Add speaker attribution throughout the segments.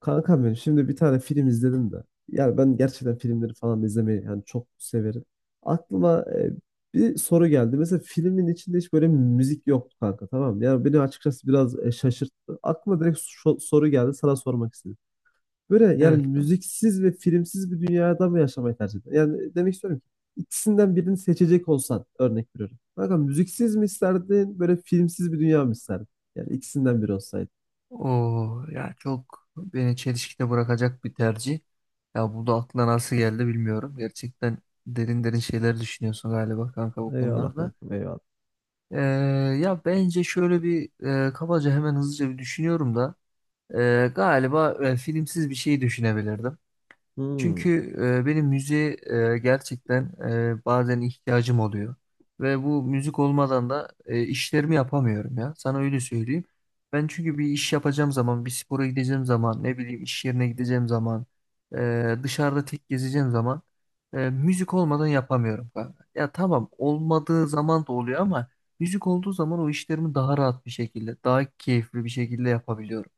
Speaker 1: Kankam benim şimdi bir tane film izledim de. Yani ben gerçekten filmleri falan da izlemeyi yani çok severim. Aklıma bir soru geldi. Mesela filmin içinde hiç böyle müzik yoktu kanka, tamam mı? Yani beni açıkçası biraz şaşırttı. Aklıma direkt soru geldi, sana sormak istedim. Böyle yani
Speaker 2: Evet.
Speaker 1: müziksiz ve filmsiz bir dünyada mı yaşamayı tercih eder? Yani demek istiyorum ki ikisinden birini seçecek olsan, örnek veriyorum. Kanka, müziksiz mi isterdin, böyle filmsiz bir dünya mı isterdin? Yani ikisinden biri olsaydı.
Speaker 2: O ya çok beni çelişkide bırakacak bir tercih. Ya bu da aklına nasıl geldi bilmiyorum. Gerçekten derin derin şeyler düşünüyorsun galiba kanka bu
Speaker 1: Eyvallah
Speaker 2: konularda.
Speaker 1: kankam, eyvallah.
Speaker 2: Ee, ya bence şöyle bir kabaca hemen hızlıca bir düşünüyorum da galiba filmsiz bir şey düşünebilirdim.
Speaker 1: Hmm.
Speaker 2: Çünkü benim müziğe gerçekten bazen ihtiyacım oluyor. Ve bu müzik olmadan da işlerimi yapamıyorum ya. Sana öyle söyleyeyim. Ben çünkü bir iş yapacağım zaman, bir spora gideceğim zaman, ne bileyim iş yerine gideceğim zaman, dışarıda tek gezeceğim zaman müzik olmadan yapamıyorum kanka. Ya tamam olmadığı zaman da oluyor ama müzik olduğu zaman o işlerimi daha rahat bir şekilde, daha keyifli bir şekilde yapabiliyorum.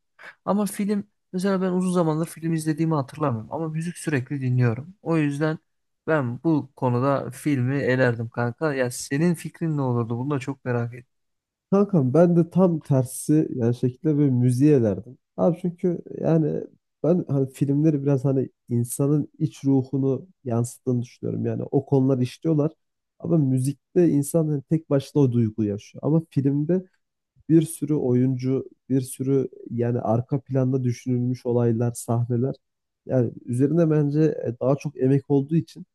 Speaker 2: Ama film mesela ben uzun zamandır film izlediğimi hatırlamıyorum ama müzik sürekli dinliyorum. O yüzden ben bu konuda filmi elerdim kanka. Ya senin fikrin ne olurdu? Bunu da çok merak ettim.
Speaker 1: Kankam ben de tam tersi yani şekilde böyle müziğe elerdim. Abi çünkü yani ben hani filmleri biraz hani insanın iç ruhunu yansıttığını düşünüyorum. Yani o konular işliyorlar. Ama müzikte insan hani tek başına o duyguyu yaşıyor. Ama filmde bir sürü oyuncu, bir sürü yani arka planda düşünülmüş olaylar, sahneler. Yani üzerine bence daha çok emek olduğu için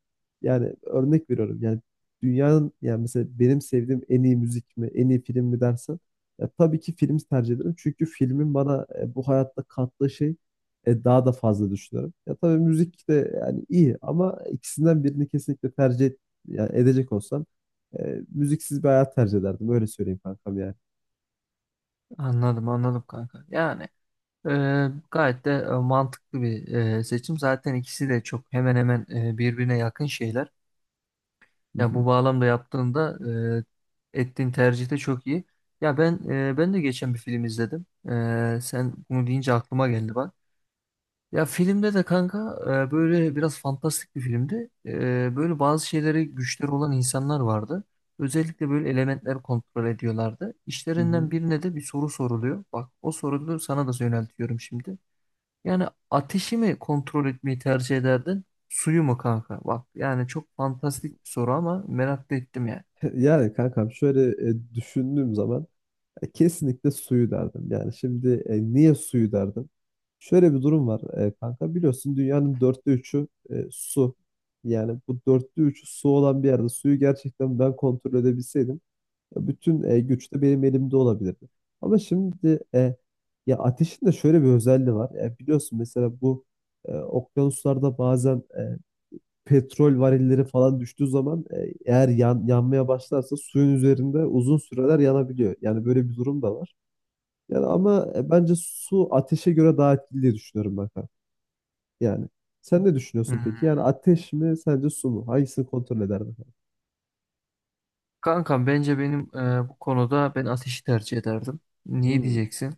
Speaker 1: yani örnek veriyorum yani dünyanın yani mesela benim sevdiğim en iyi müzik mi, en iyi film mi dersen, ya tabii ki film tercih ederim. Çünkü filmin bana bu hayatta kattığı şey, daha da fazla düşünüyorum. Ya tabii müzik de yani iyi ama ikisinden birini kesinlikle yani edecek olsam, müziksiz bir hayat tercih ederdim. Öyle söyleyeyim kankam yani.
Speaker 2: Anladım anladım kanka. Yani e, gayet de mantıklı bir seçim. Zaten ikisi de çok hemen hemen birbirine yakın şeyler.
Speaker 1: Hı
Speaker 2: Ya
Speaker 1: hı.
Speaker 2: bu bağlamda yaptığında ettiğin tercih de çok iyi. Ya ben de geçen bir film izledim. Sen bunu deyince aklıma geldi bak. Ya filmde de kanka böyle biraz fantastik bir filmdi. Böyle bazı şeylere güçleri olan insanlar vardı. Özellikle böyle elementler kontrol ediyorlardı.
Speaker 1: Hı hı.
Speaker 2: İşlerinden birine de bir soru soruluyor. Bak o soruyu sana da yöneltiyorum şimdi. Yani ateşi mi kontrol etmeyi tercih ederdin? Suyu mu kanka? Bak yani çok fantastik bir soru ama merak da ettim yani.
Speaker 1: Yani kankam şöyle düşündüğüm zaman, kesinlikle suyu derdim. Yani şimdi niye suyu derdim? Şöyle bir durum var, kanka, biliyorsun dünyanın dörtte üçü su. Yani bu dörtte üçü su olan bir yerde suyu gerçekten ben kontrol edebilseydim, ya bütün güç de benim elimde olabilirdi. Ama şimdi ya ateşin de şöyle bir özelliği var. Biliyorsun mesela bu okyanuslarda bazen petrol varilleri falan düştüğü zaman, eğer yanmaya başlarsa suyun üzerinde uzun süreler yanabiliyor. Yani böyle bir durum da var. Yani ama bence su ateşe göre daha etkili diye düşünüyorum ben, kanka. Yani sen ne düşünüyorsun peki?
Speaker 2: Hmm.
Speaker 1: Yani ateş mi sence, su mu? Hangisini kontrol ederdin, kanka?
Speaker 2: Kanka bence benim bu konuda ben ateşi tercih ederdim. Niye
Speaker 1: Hmm,
Speaker 2: diyeceksin?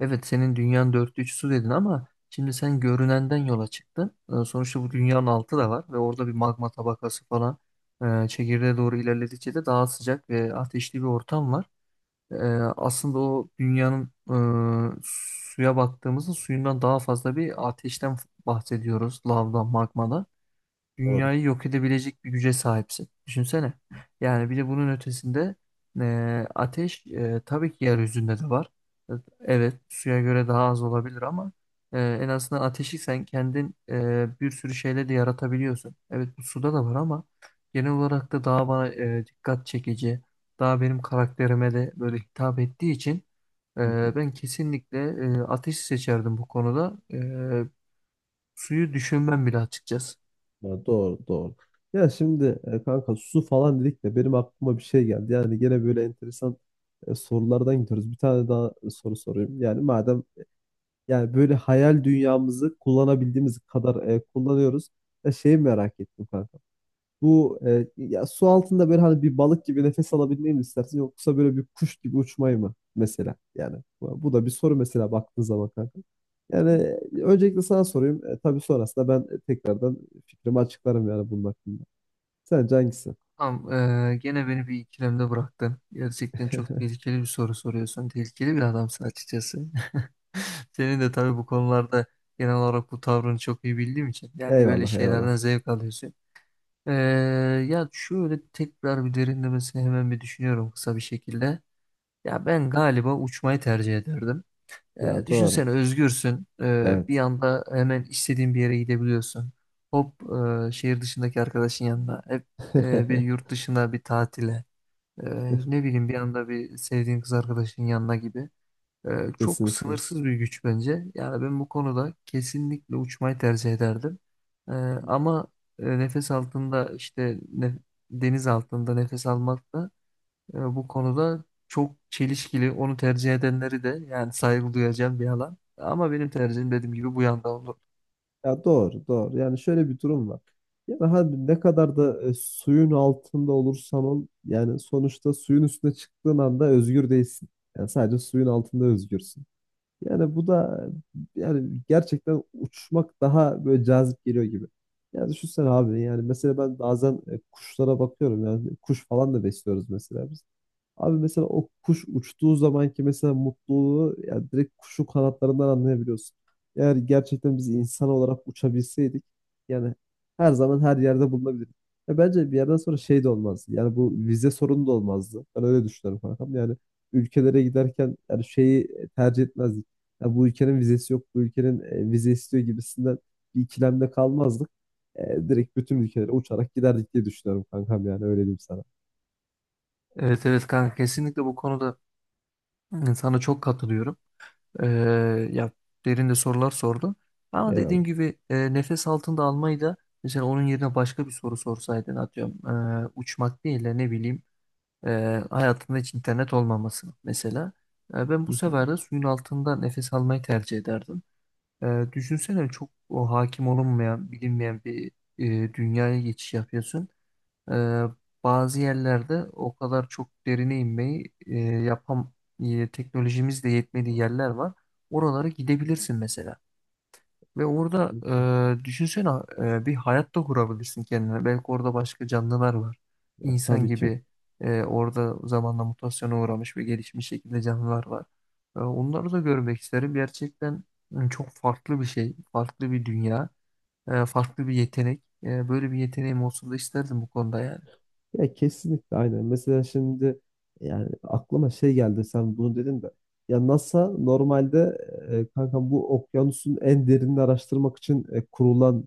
Speaker 2: Evet senin dünyanın dörtte üçü su dedin ama şimdi sen görünenden yola çıktın. Sonuçta bu dünyanın altı da var ve orada bir magma tabakası falan çekirdeğe doğru ilerledikçe de daha sıcak ve ateşli bir ortam var. Ee, aslında o dünyanın e, suya baktığımızda suyundan daha fazla bir ateşten bahsediyoruz. Lavdan, magmadan
Speaker 1: doğru.
Speaker 2: dünyayı yok edebilecek bir güce sahipsin. Düşünsene. Yani bir de bunun ötesinde ateş tabii ki yeryüzünde de var. Evet, suya göre daha az olabilir ama en azından ateşi sen kendin bir sürü şeyle de yaratabiliyorsun. Evet, bu suda da var ama genel olarak da daha bana dikkat çekici, daha benim karakterime de böyle hitap ettiği için
Speaker 1: Hı hı.
Speaker 2: ben kesinlikle ateşi seçerdim bu konuda. Suyu düşünmem bile açıkçası.
Speaker 1: Ya doğru, doğru. Ya şimdi kanka, su falan dedik de benim aklıma bir şey geldi. Yani gene böyle enteresan sorulardan gidiyoruz. Bir tane daha soru sorayım. Yani madem yani böyle hayal dünyamızı kullanabildiğimiz kadar kullanıyoruz. Ya şeyi merak ettim kanka. Bu ya su altında böyle hani bir balık gibi nefes alabilmeyi mi istersin, yoksa böyle bir kuş gibi uçmayı mı mesela? Yani bu da bir soru mesela baktığın zaman kanka. Yani öncelikle sana sorayım. E, tabii sonrasında ben tekrardan fikrimi açıklarım yani bunun hakkında. Sence hangisi?
Speaker 2: Tamam, gene beni bir ikilemde bıraktın. Gerçekten çok tehlikeli bir soru soruyorsun. Tehlikeli bir adamsın açıkçası. Senin de tabii bu konularda genel olarak bu tavrını çok iyi bildiğim için yani böyle
Speaker 1: Eyvallah,
Speaker 2: şeylerden
Speaker 1: eyvallah.
Speaker 2: zevk alıyorsun. Eee, ya şöyle tekrar bir derinlemesine hemen bir düşünüyorum kısa bir şekilde. Ya ben galiba uçmayı tercih ederdim.
Speaker 1: Ya doğru.
Speaker 2: Düşünsene özgürsün. Bir
Speaker 1: Evet.
Speaker 2: anda hemen istediğin bir yere gidebiliyorsun. Hop şehir dışındaki arkadaşın yanına. Hep bir yurt dışına bir tatile. Ne bileyim bir anda bir sevdiğin kız arkadaşının yanına gibi. Çok
Speaker 1: Kesinlikle.
Speaker 2: sınırsız bir güç bence. Yani ben bu konuda kesinlikle uçmayı tercih ederdim. Ee, ama nefes altında deniz altında nefes almak da bu konuda çok çelişkili. Onu tercih edenleri de yani saygı duyacağım bir alan. Ama benim tercihim dediğim gibi bu yanda olur.
Speaker 1: Ya doğru, doğru. Yani şöyle bir durum var. Yani hadi ne kadar da suyun altında olursan ol, yani sonuçta suyun üstüne çıktığın anda özgür değilsin. Yani sadece suyun altında özgürsün. Yani bu da yani gerçekten uçmak daha böyle cazip geliyor gibi. Yani düşünsene abi, yani mesela ben bazen kuşlara bakıyorum, yani kuş falan da besliyoruz mesela biz. Abi mesela o kuş uçtuğu zamanki mesela mutluluğu yani direkt kuşun kanatlarından anlayabiliyorsun. Eğer gerçekten biz insan olarak uçabilseydik, yani her zaman her yerde bulunabilirdik. Ya bence bir yerden sonra şey de olmazdı. Yani bu vize sorunu da olmazdı. Ben öyle düşünüyorum kankam. Yani ülkelere giderken yani şeyi tercih etmezdik. Ya bu ülkenin vizesi yok, bu ülkenin vize istiyor gibisinden bir ikilemde kalmazdık. E, direkt bütün ülkelere uçarak giderdik diye düşünüyorum kankam, yani öyle diyeyim sana.
Speaker 2: Evet evet kanka kesinlikle bu konuda sana çok katılıyorum. Ee, ya derin de sorular sordu. Ama
Speaker 1: Eyvallah.
Speaker 2: dediğim gibi nefes altında almayı da mesela onun yerine başka bir soru sorsaydın atıyorum uçmak değil de ne bileyim e, hayatında hiç internet olmaması mesela. Ben bu sefer de suyun altında nefes almayı tercih ederdim. Düşünsene çok o hakim olunmayan bilinmeyen bir dünyaya geçiş yapıyorsun. Ee, bazı yerlerde o kadar çok derine inmeyi teknolojimiz de yetmediği yerler var. Oralara gidebilirsin mesela. Ve orada düşünsene bir hayat da kurabilirsin kendine. Belki orada başka canlılar var.
Speaker 1: Ya
Speaker 2: İnsan
Speaker 1: tabii ki.
Speaker 2: gibi orada zamanla mutasyona uğramış ve gelişmiş şekilde canlılar var. Onları da görmek isterim. Gerçekten çok farklı bir şey, farklı bir dünya, farklı bir yetenek. Böyle bir yeteneğim olsun da isterdim bu konuda yani.
Speaker 1: Ya kesinlikle aynen. Mesela şimdi yani aklıma şey geldi, sen bunu dedin de. Ya NASA normalde kanka bu okyanusun en derinini araştırmak için kurulan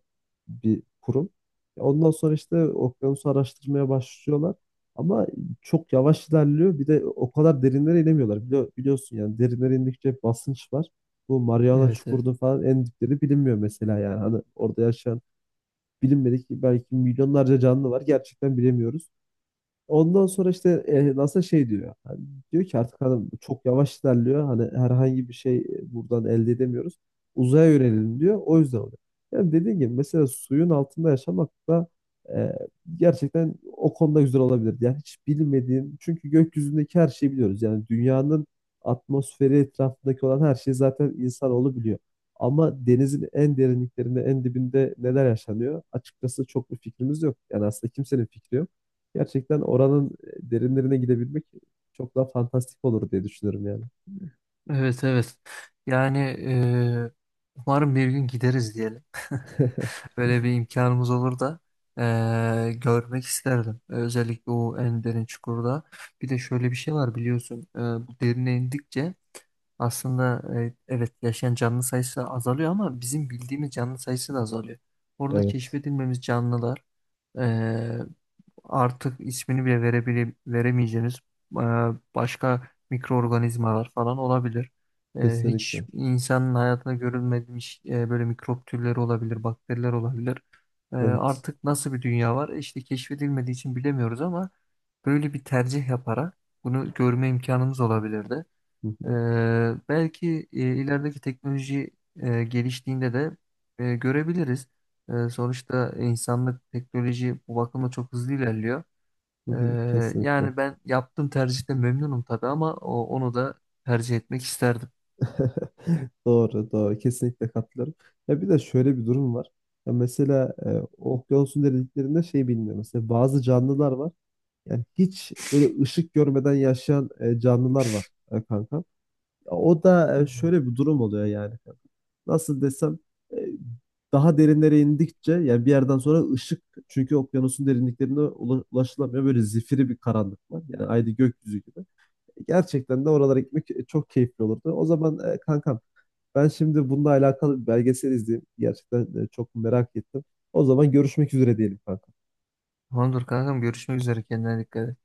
Speaker 1: bir kurum. Ya ondan sonra işte okyanusu araştırmaya başlıyorlar. Ama çok yavaş ilerliyor. Bir de o kadar derinlere inemiyorlar. Biliyorsun yani derinlere indikçe basınç var. Bu Mariana
Speaker 2: Evet evet.
Speaker 1: Çukuru'nun falan en dipleri bilinmiyor mesela yani. Hani orada yaşayan bilinmedik belki milyonlarca canlı var. Gerçekten bilemiyoruz. Ondan sonra işte NASA şey diyor. Hani diyor ki artık hanım çok yavaş ilerliyor. Hani herhangi bir şey buradan elde edemiyoruz. Uzaya yönelelim diyor. O yüzden oluyor. Yani dediğim gibi mesela suyun altında yaşamak da e, gerçekten o konuda güzel olabilir. Yani hiç bilmediğin, çünkü gökyüzündeki her şeyi biliyoruz. Yani dünyanın atmosferi etrafındaki olan her şeyi zaten insanoğlu biliyor. Ama denizin en derinliklerinde, en dibinde neler yaşanıyor? Açıkçası çok bir fikrimiz yok. Yani aslında kimsenin fikri yok. Gerçekten oranın derinlerine gidebilmek çok daha fantastik olur diye düşünüyorum yani.
Speaker 2: Evet evet. Yani umarım bir gün gideriz diyelim. Böyle bir imkanımız olur da görmek isterdim. Özellikle o en derin çukurda. Bir de şöyle bir şey var biliyorsun. Bu derine indikçe aslında evet yaşayan canlı sayısı azalıyor ama bizim bildiğimiz canlı sayısı da azalıyor. Orada
Speaker 1: Evet,
Speaker 2: keşfedilmemiz canlılar artık ismini bile veremeyeceğiniz e, başka mikroorganizmalar falan olabilir. Hiç
Speaker 1: kesinlikle.
Speaker 2: insanın hayatında görülmemiş böyle mikrop türleri olabilir, bakteriler olabilir.
Speaker 1: Evet.
Speaker 2: Artık nasıl bir dünya var? İşte keşfedilmediği için bilemiyoruz ama böyle bir tercih yaparak bunu görme imkanımız olabilirdi.
Speaker 1: Hı
Speaker 2: E,
Speaker 1: hı,
Speaker 2: belki ilerideki teknoloji geliştiğinde de görebiliriz. Sonuçta insanlık teknoloji bu bakımda çok hızlı ilerliyor.
Speaker 1: hı
Speaker 2: Ee,
Speaker 1: hı, kesinlikle.
Speaker 2: yani ben yaptığım tercihte memnunum tabii ama onu da tercih etmek isterdim.
Speaker 1: Doğru, doğru. Kesinlikle katılıyorum. Ya bir de şöyle bir durum var. Ya mesela okyanusun derinliklerinde şey bilmiyorum. Mesela bazı canlılar var. Yani hiç böyle ışık görmeden yaşayan canlılar var, kanka. Ya o da
Speaker 2: Hmm.
Speaker 1: şöyle bir durum oluyor yani. Nasıl desem, e, daha derinlere indikçe yani bir yerden sonra ışık, çünkü okyanusun derinliklerine ulaşılamıyor. Böyle zifiri bir karanlık var. Yani aynı gökyüzü gibi. E, gerçekten de oralara gitmek çok keyifli olurdu. O zaman kankam, ben şimdi bununla alakalı bir belgesel izleyeyim. Gerçekten çok merak ettim. O zaman görüşmek üzere diyelim kankam.
Speaker 2: Tamamdır kankam görüşmek üzere kendine dikkat et.